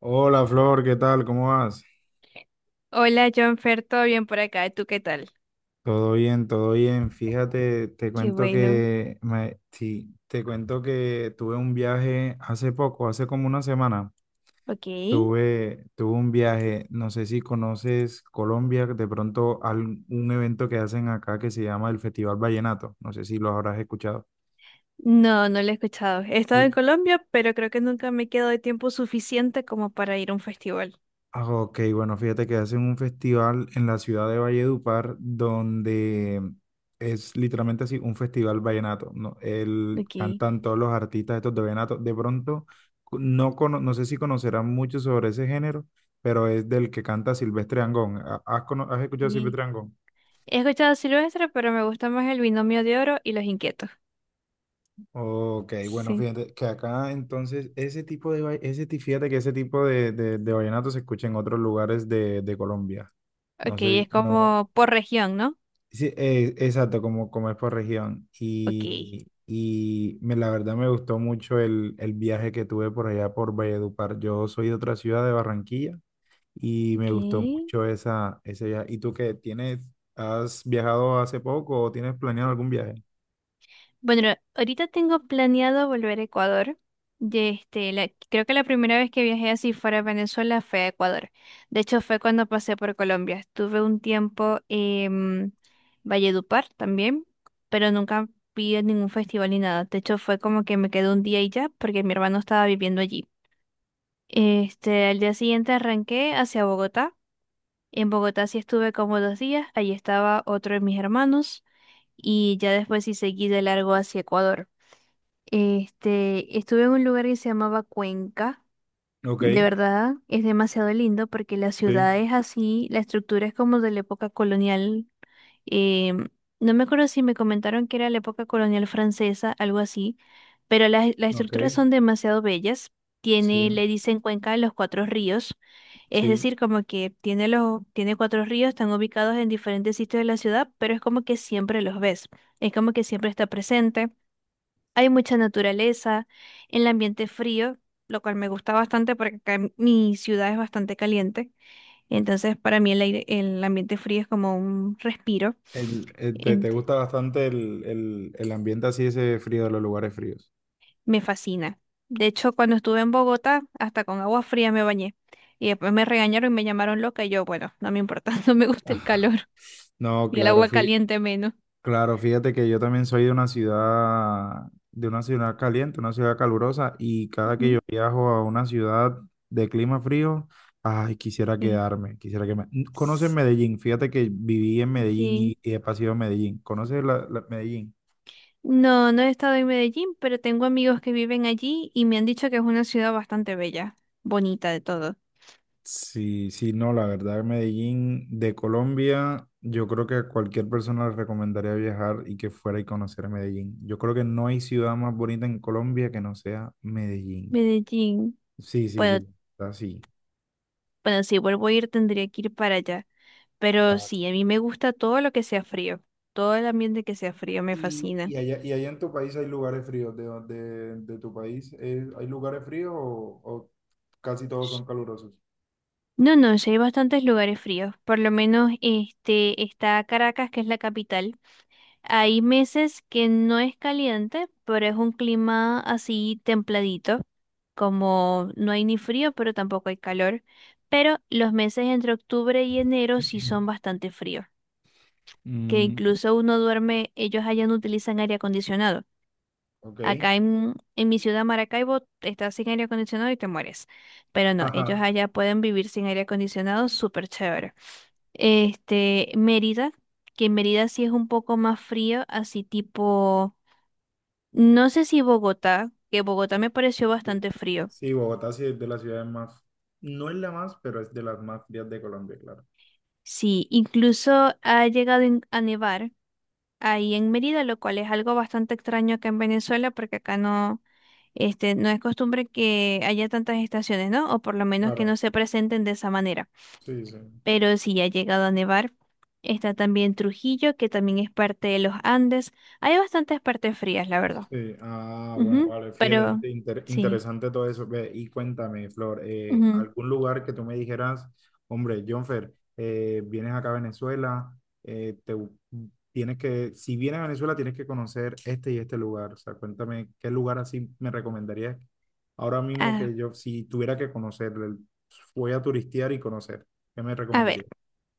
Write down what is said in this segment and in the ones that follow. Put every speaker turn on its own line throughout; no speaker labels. Hola Flor, ¿qué tal? ¿Cómo vas?
Hola, Jonfer, ¿todo bien por acá? ¿Tú qué tal?
Todo bien, todo bien. Fíjate,
Qué bueno.
te cuento que tuve un viaje hace poco, hace como una semana.
Ok.
Tuve un viaje, no sé si conoces Colombia, de pronto un evento que hacen acá que se llama el Festival Vallenato. No sé si lo habrás escuchado.
No, no lo he escuchado. He estado en
Sí.
Colombia, pero creo que nunca me quedo de tiempo suficiente como para ir a un festival.
Ah, ok, bueno, fíjate que hacen un festival en la ciudad de Valledupar donde es literalmente así, un festival vallenato, ¿no? El,
Ok,
cantan todos los artistas estos de vallenato. De pronto, no sé si conocerán mucho sobre ese género, pero es del que canta Silvestre Angón. ¿¿ Has escuchado a
sí.
Silvestre Angón?
He escuchado Silvestre, pero me gusta más el Binomio de Oro y Los Inquietos.
Ok, bueno,
Sí.
fíjate que acá entonces ese tipo de, va- ese, ti- fíjate que ese tipo de vallenato se escucha en otros lugares de Colombia. No
Ok,
sé,
es
no.
como por región, ¿no?
Sí, exacto, como es por región.
Ok.
La verdad me gustó mucho el viaje que tuve por allá por Valledupar. Yo soy de otra ciudad, de Barranquilla, y me
Ok.
gustó mucho ese viaje. ¿Y tú qué tienes? ¿Has viajado hace poco o tienes planeado algún viaje?
Bueno, ahorita tengo planeado volver a Ecuador. Creo que la primera vez que viajé así fuera de Venezuela fue a Ecuador. De hecho, fue cuando pasé por Colombia. Estuve un tiempo en Valledupar también, pero nunca vi en ningún festival ni nada. De hecho, fue como que me quedé un día y ya, porque mi hermano estaba viviendo allí. Al día siguiente arranqué hacia Bogotá. En Bogotá sí estuve como dos días. Allí estaba otro de mis hermanos y ya después sí seguí de largo hacia Ecuador. Estuve en un lugar que se llamaba Cuenca.
Ok,
De verdad, es demasiado lindo porque la
sí,
ciudad es así, la estructura es como de la época colonial. eh, no me acuerdo si me comentaron que era la época colonial francesa, algo así, pero las
ok,
estructuras son demasiado bellas. Tiene,
sí,
le dicen Cuenca de los Cuatro Ríos, es
sí.
decir, como que tiene los, tiene cuatro ríos, están ubicados en diferentes sitios de la ciudad, pero es como que siempre los ves, es como que siempre está presente. Hay mucha naturaleza, el ambiente es frío, lo cual me gusta bastante porque acá en mi ciudad es bastante caliente. Entonces, para mí el aire, el ambiente frío es como un respiro.
Te
ent-
gusta bastante el ambiente así, ese frío de los lugares fríos.
Me fascina. De hecho, cuando estuve en Bogotá, hasta con agua fría me bañé. Y después me regañaron y me llamaron loca y yo, bueno, no me importa, no me gusta el calor
No,
y el
claro,
agua caliente menos.
claro, fíjate que yo también soy de una ciudad caliente, una ciudad calurosa, y cada que yo
Ujú.
viajo a una ciudad de clima frío, ay, quisiera
Sí.
quedarme, quisiera que me... ¿Conoces
S-
Medellín? Fíjate que viví en Medellín
ok.
y he pasado a Medellín. ¿Conoces Medellín?
No, no he estado en Medellín, pero tengo amigos que viven allí y me han dicho que es una ciudad bastante bella, bonita de todo.
Sí, sí, no, la verdad, Medellín de Colombia, yo creo que a cualquier persona le recomendaría viajar y que fuera y conocer Medellín. Yo creo que no hay ciudad más bonita en Colombia que no sea Medellín.
Medellín.
Sí, sí,
Bueno,
sí, así.
bueno, si vuelvo a ir tendría que ir para allá. Pero
Claro.
sí, a mí me gusta todo lo que sea frío. Todo el ambiente que sea frío me fascina.
Y allá en tu país hay lugares fríos, de tu país, ¿hay lugares fríos o casi todos
Sh-
son calurosos?
No, no, sí hay bastantes lugares fríos. Por lo menos este está Caracas, que es la capital. Hay meses que no es caliente, pero es un clima así templadito. Como no hay ni frío, pero tampoco hay calor. Pero los meses entre octubre y enero sí son bastante fríos, que
Mm,
incluso uno duerme, ellos allá no utilizan aire acondicionado.
ok.
Acá en mi ciudad, Maracaibo, estás sin aire acondicionado y te mueres. Pero no, ellos
Ajá.
allá pueden vivir sin aire acondicionado, súper chévere. Mérida, que en Mérida sí es un poco más frío, así tipo, no sé si Bogotá, que Bogotá me pareció
Sí,
bastante frío.
sí, Bogotá sí es de las ciudades más, no es la más, pero es de las más frías de Colombia, claro.
Sí, incluso ha llegado a nevar ahí en Mérida, lo cual es algo bastante extraño acá en Venezuela, porque acá no, no es costumbre que haya tantas estaciones, ¿no? O por lo menos que no
Claro,
se presenten de esa manera.
sí, sí.
Pero sí ha llegado a nevar. Está también Trujillo, que también es parte de los Andes. Hay bastantes partes frías, la verdad.
Sí, ah, bueno,
Ujú.
vale, fíjate,
Pero sí.
interesante todo eso. Ve, y cuéntame, Flor,
Ujú.
¿algún lugar que tú me dijeras, hombre, Jonfer, vienes acá a Venezuela, eh, te, bu- tienes que, si vienes a Venezuela tienes que conocer este y este lugar? O sea, cuéntame, ¿qué lugar así me recomendarías ahora mismo
Ah,
que yo, si tuviera que conocer, voy a turistear y conocer, ¿qué me
a ver.
recomendarías?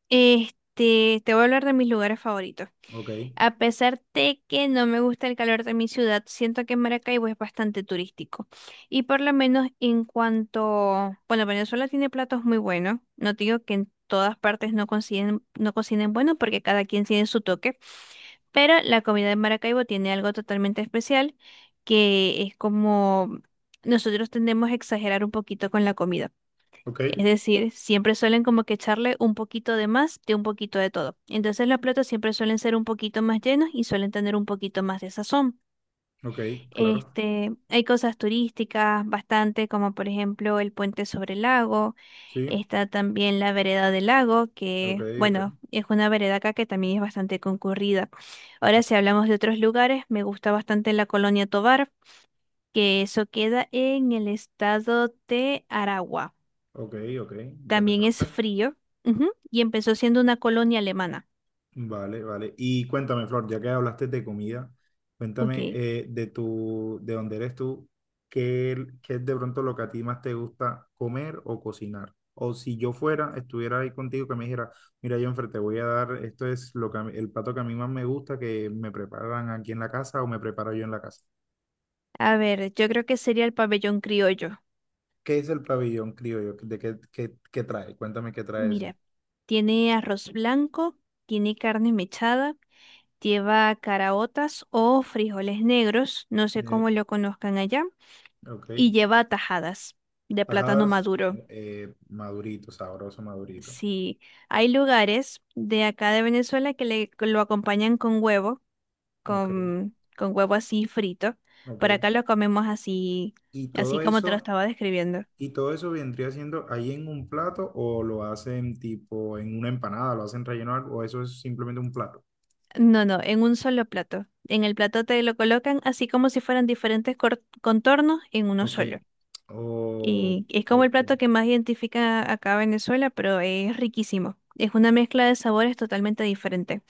Te voy a hablar de mis lugares favoritos.
Ok,
A pesar de que no me gusta el calor de mi ciudad, siento que Maracaibo es bastante turístico. Y por lo menos en cuanto, bueno, Venezuela tiene platos muy buenos. No te digo que en todas partes no cocinen, no cocinen bueno, porque cada quien tiene su toque. Pero la comida de Maracaibo tiene algo totalmente especial, que es como nosotros tendemos a exagerar un poquito con la comida.
ok,
Es decir, siempre suelen como que echarle un poquito de más de un poquito de todo. Entonces los platos siempre suelen ser un poquito más llenos y suelen tener un poquito más de sazón.
ok, claro,
Hay cosas turísticas bastante, como por ejemplo el puente sobre el lago.
sí,
Está también la vereda del lago,
ok,
que
ok,
bueno, es una vereda acá que también es bastante concurrida. Ahora, si hablamos de otros lugares, me gusta bastante la Colonia Tovar, que eso queda en el estado de Aragua.
ok, ok,
También es
interesante.
frío. Ujú. Y empezó siendo una colonia alemana.
Vale, vale. Y cuéntame, Flor, ya que hablaste de comida,
Ok.
cuéntame, de tu, de dónde eres tú, qué es de pronto lo que a ti más te gusta comer o cocinar. O si yo fuera, estuviera ahí contigo, que me dijera, mira, Jonfer, te voy a dar, esto es lo que a mí- el plato que a mí más me gusta, que me preparan aquí en la casa o me preparo yo en la casa.
A ver, yo creo que sería el pabellón criollo.
¿Qué es el pabellón criollo? ¿ Qué trae? Cuéntame qué trae eso.
Mira, tiene arroz blanco, tiene carne mechada, lleva caraotas o frijoles negros, no sé
Eh,
cómo lo conozcan allá,
ok.
y lleva tajadas de plátano
Tajadas,
maduro.
madurito, sabroso, madurito.
Sí, hay lugares de acá de Venezuela que lo acompañan con huevo
Ok,
con huevo así frito. Por
ok.
acá lo comemos así,
Y
así
todo
como te lo
eso,
estaba describiendo.
y todo eso vendría siendo ahí en un plato, o lo hacen tipo en una empanada, lo hacen relleno de algo, o eso es simplemente un plato.
No, no, en un solo plato. En el plato te lo colocan así como si fueran diferentes contornos en uno
Ok.
solo.
O,
Y es como el
ok.
plato que más identifica acá a Venezuela, pero es riquísimo. Es una mezcla de sabores totalmente diferente.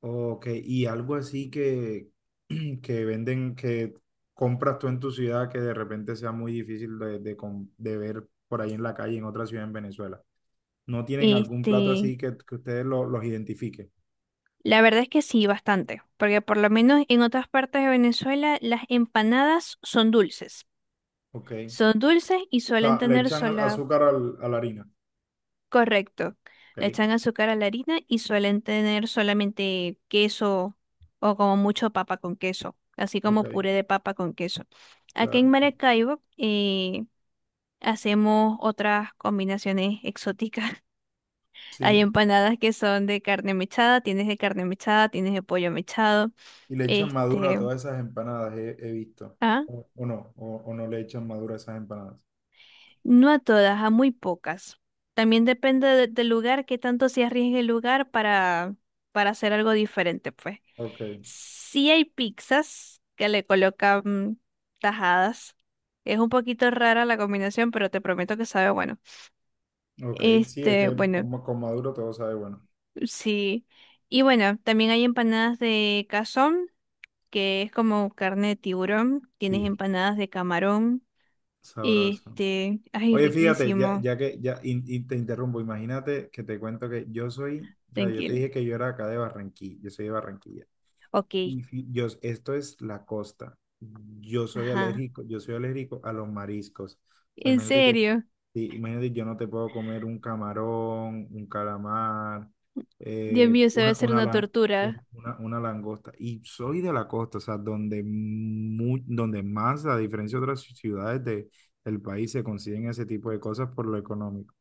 Ok, y algo así que, que venden, que compras tú en tu ciudad que de repente sea muy difícil de ver por ahí en la calle, en otra ciudad en Venezuela. ¿No tienen algún plato
Este,
así que ustedes los identifiquen?
la verdad es que sí, bastante, porque por lo menos en otras partes de Venezuela las empanadas son dulces.
Ok.
Son dulces y
O
suelen
sea, le
tener.
echan azúcar a la harina.
Correcto. Le echan
Ok.
azúcar a la harina y suelen tener solamente queso o como mucho papa con queso, así
Ok,
como puré de papa con queso. Aquí en
claro, sí.
Maracaibo eh, hacemos otras combinaciones exóticas. Hay
Sí,
empanadas que son de carne mechada, tienes de carne mechada, tienes de pollo mechado.
y le echan madura a
Este,
todas esas empanadas, he visto.
ah,
O, no le echan madura a esas empanadas.
no a todas, a muy pocas. También depende del lugar, qué tanto se arriesgue el lugar para hacer algo diferente, pues.
Ok,
Sí hay pizzas que le colocan tajadas. Es un poquito rara la combinación, pero te prometo que sabe bueno.
ok, sí, es
Este,
que
bueno,
con, con maduro todo sabe bueno.
sí. Y bueno, también hay empanadas de cazón, que es como carne de tiburón. Tienes
Sí,
empanadas de camarón.
sabroso.
Ay,
Oye, fíjate, ya,
riquísimo.
ya que ya in- in- te interrumpo, imagínate que te cuento que yo soy, o sea, yo te
Tranquilo.
dije que yo era acá de Barranquilla, yo soy de Barranquilla.
Ok,
Y yo, esto es la costa.
ajá.
Yo soy alérgico a los mariscos. O sea,
¿En
imagínate que,
serio?
sí, imagínate, yo no te puedo comer un camarón, un calamar,
Dios
eh,
mío, eso debe
una,
ser
una,
una
lan-
tortura.
una langosta. Y soy de la costa, o sea, donde, donde más, a diferencia de otras ciudades de, del país, se consiguen ese tipo de cosas por lo económico.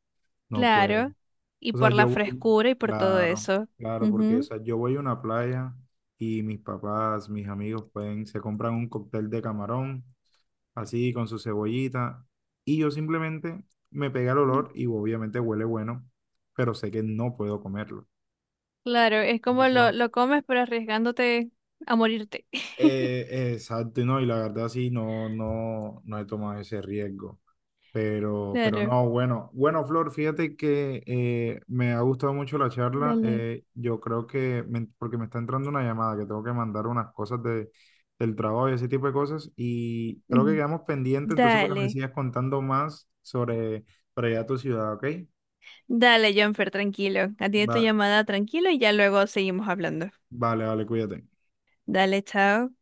No puedo.
Claro. Y
O sea,
por la
yo voy,
frescura y por todo
claro,
eso.
claro, porque o
Ujú.
sea, yo voy a una playa y mis papás, mis amigos pueden, se compran un cóctel de camarón, así con su cebollita, y yo simplemente me pega el olor y obviamente huele bueno, pero sé que no puedo comerlo.
Claro, es como
Eso,
lo comes, pero arriesgándote a morirte.
eh, exacto, y no, y la verdad sí, no, no, no he tomado ese riesgo. Pero
Claro,
no, bueno, bueno, Flor, fíjate que me ha gustado mucho la charla.
dale.
Yo creo que, porque me está entrando una llamada, que tengo que mandar unas cosas del trabajo y ese tipo de cosas. Y creo que
Mm.
quedamos pendientes, entonces, para que me
Dale,
sigas contando más sobre, para allá tu ciudad, ¿ok?
dale, Jonfer, tranquilo. Atiende tu
Va,
llamada tranquilo y ya luego seguimos hablando.
vale, vale, cuídate.
Dale, chao.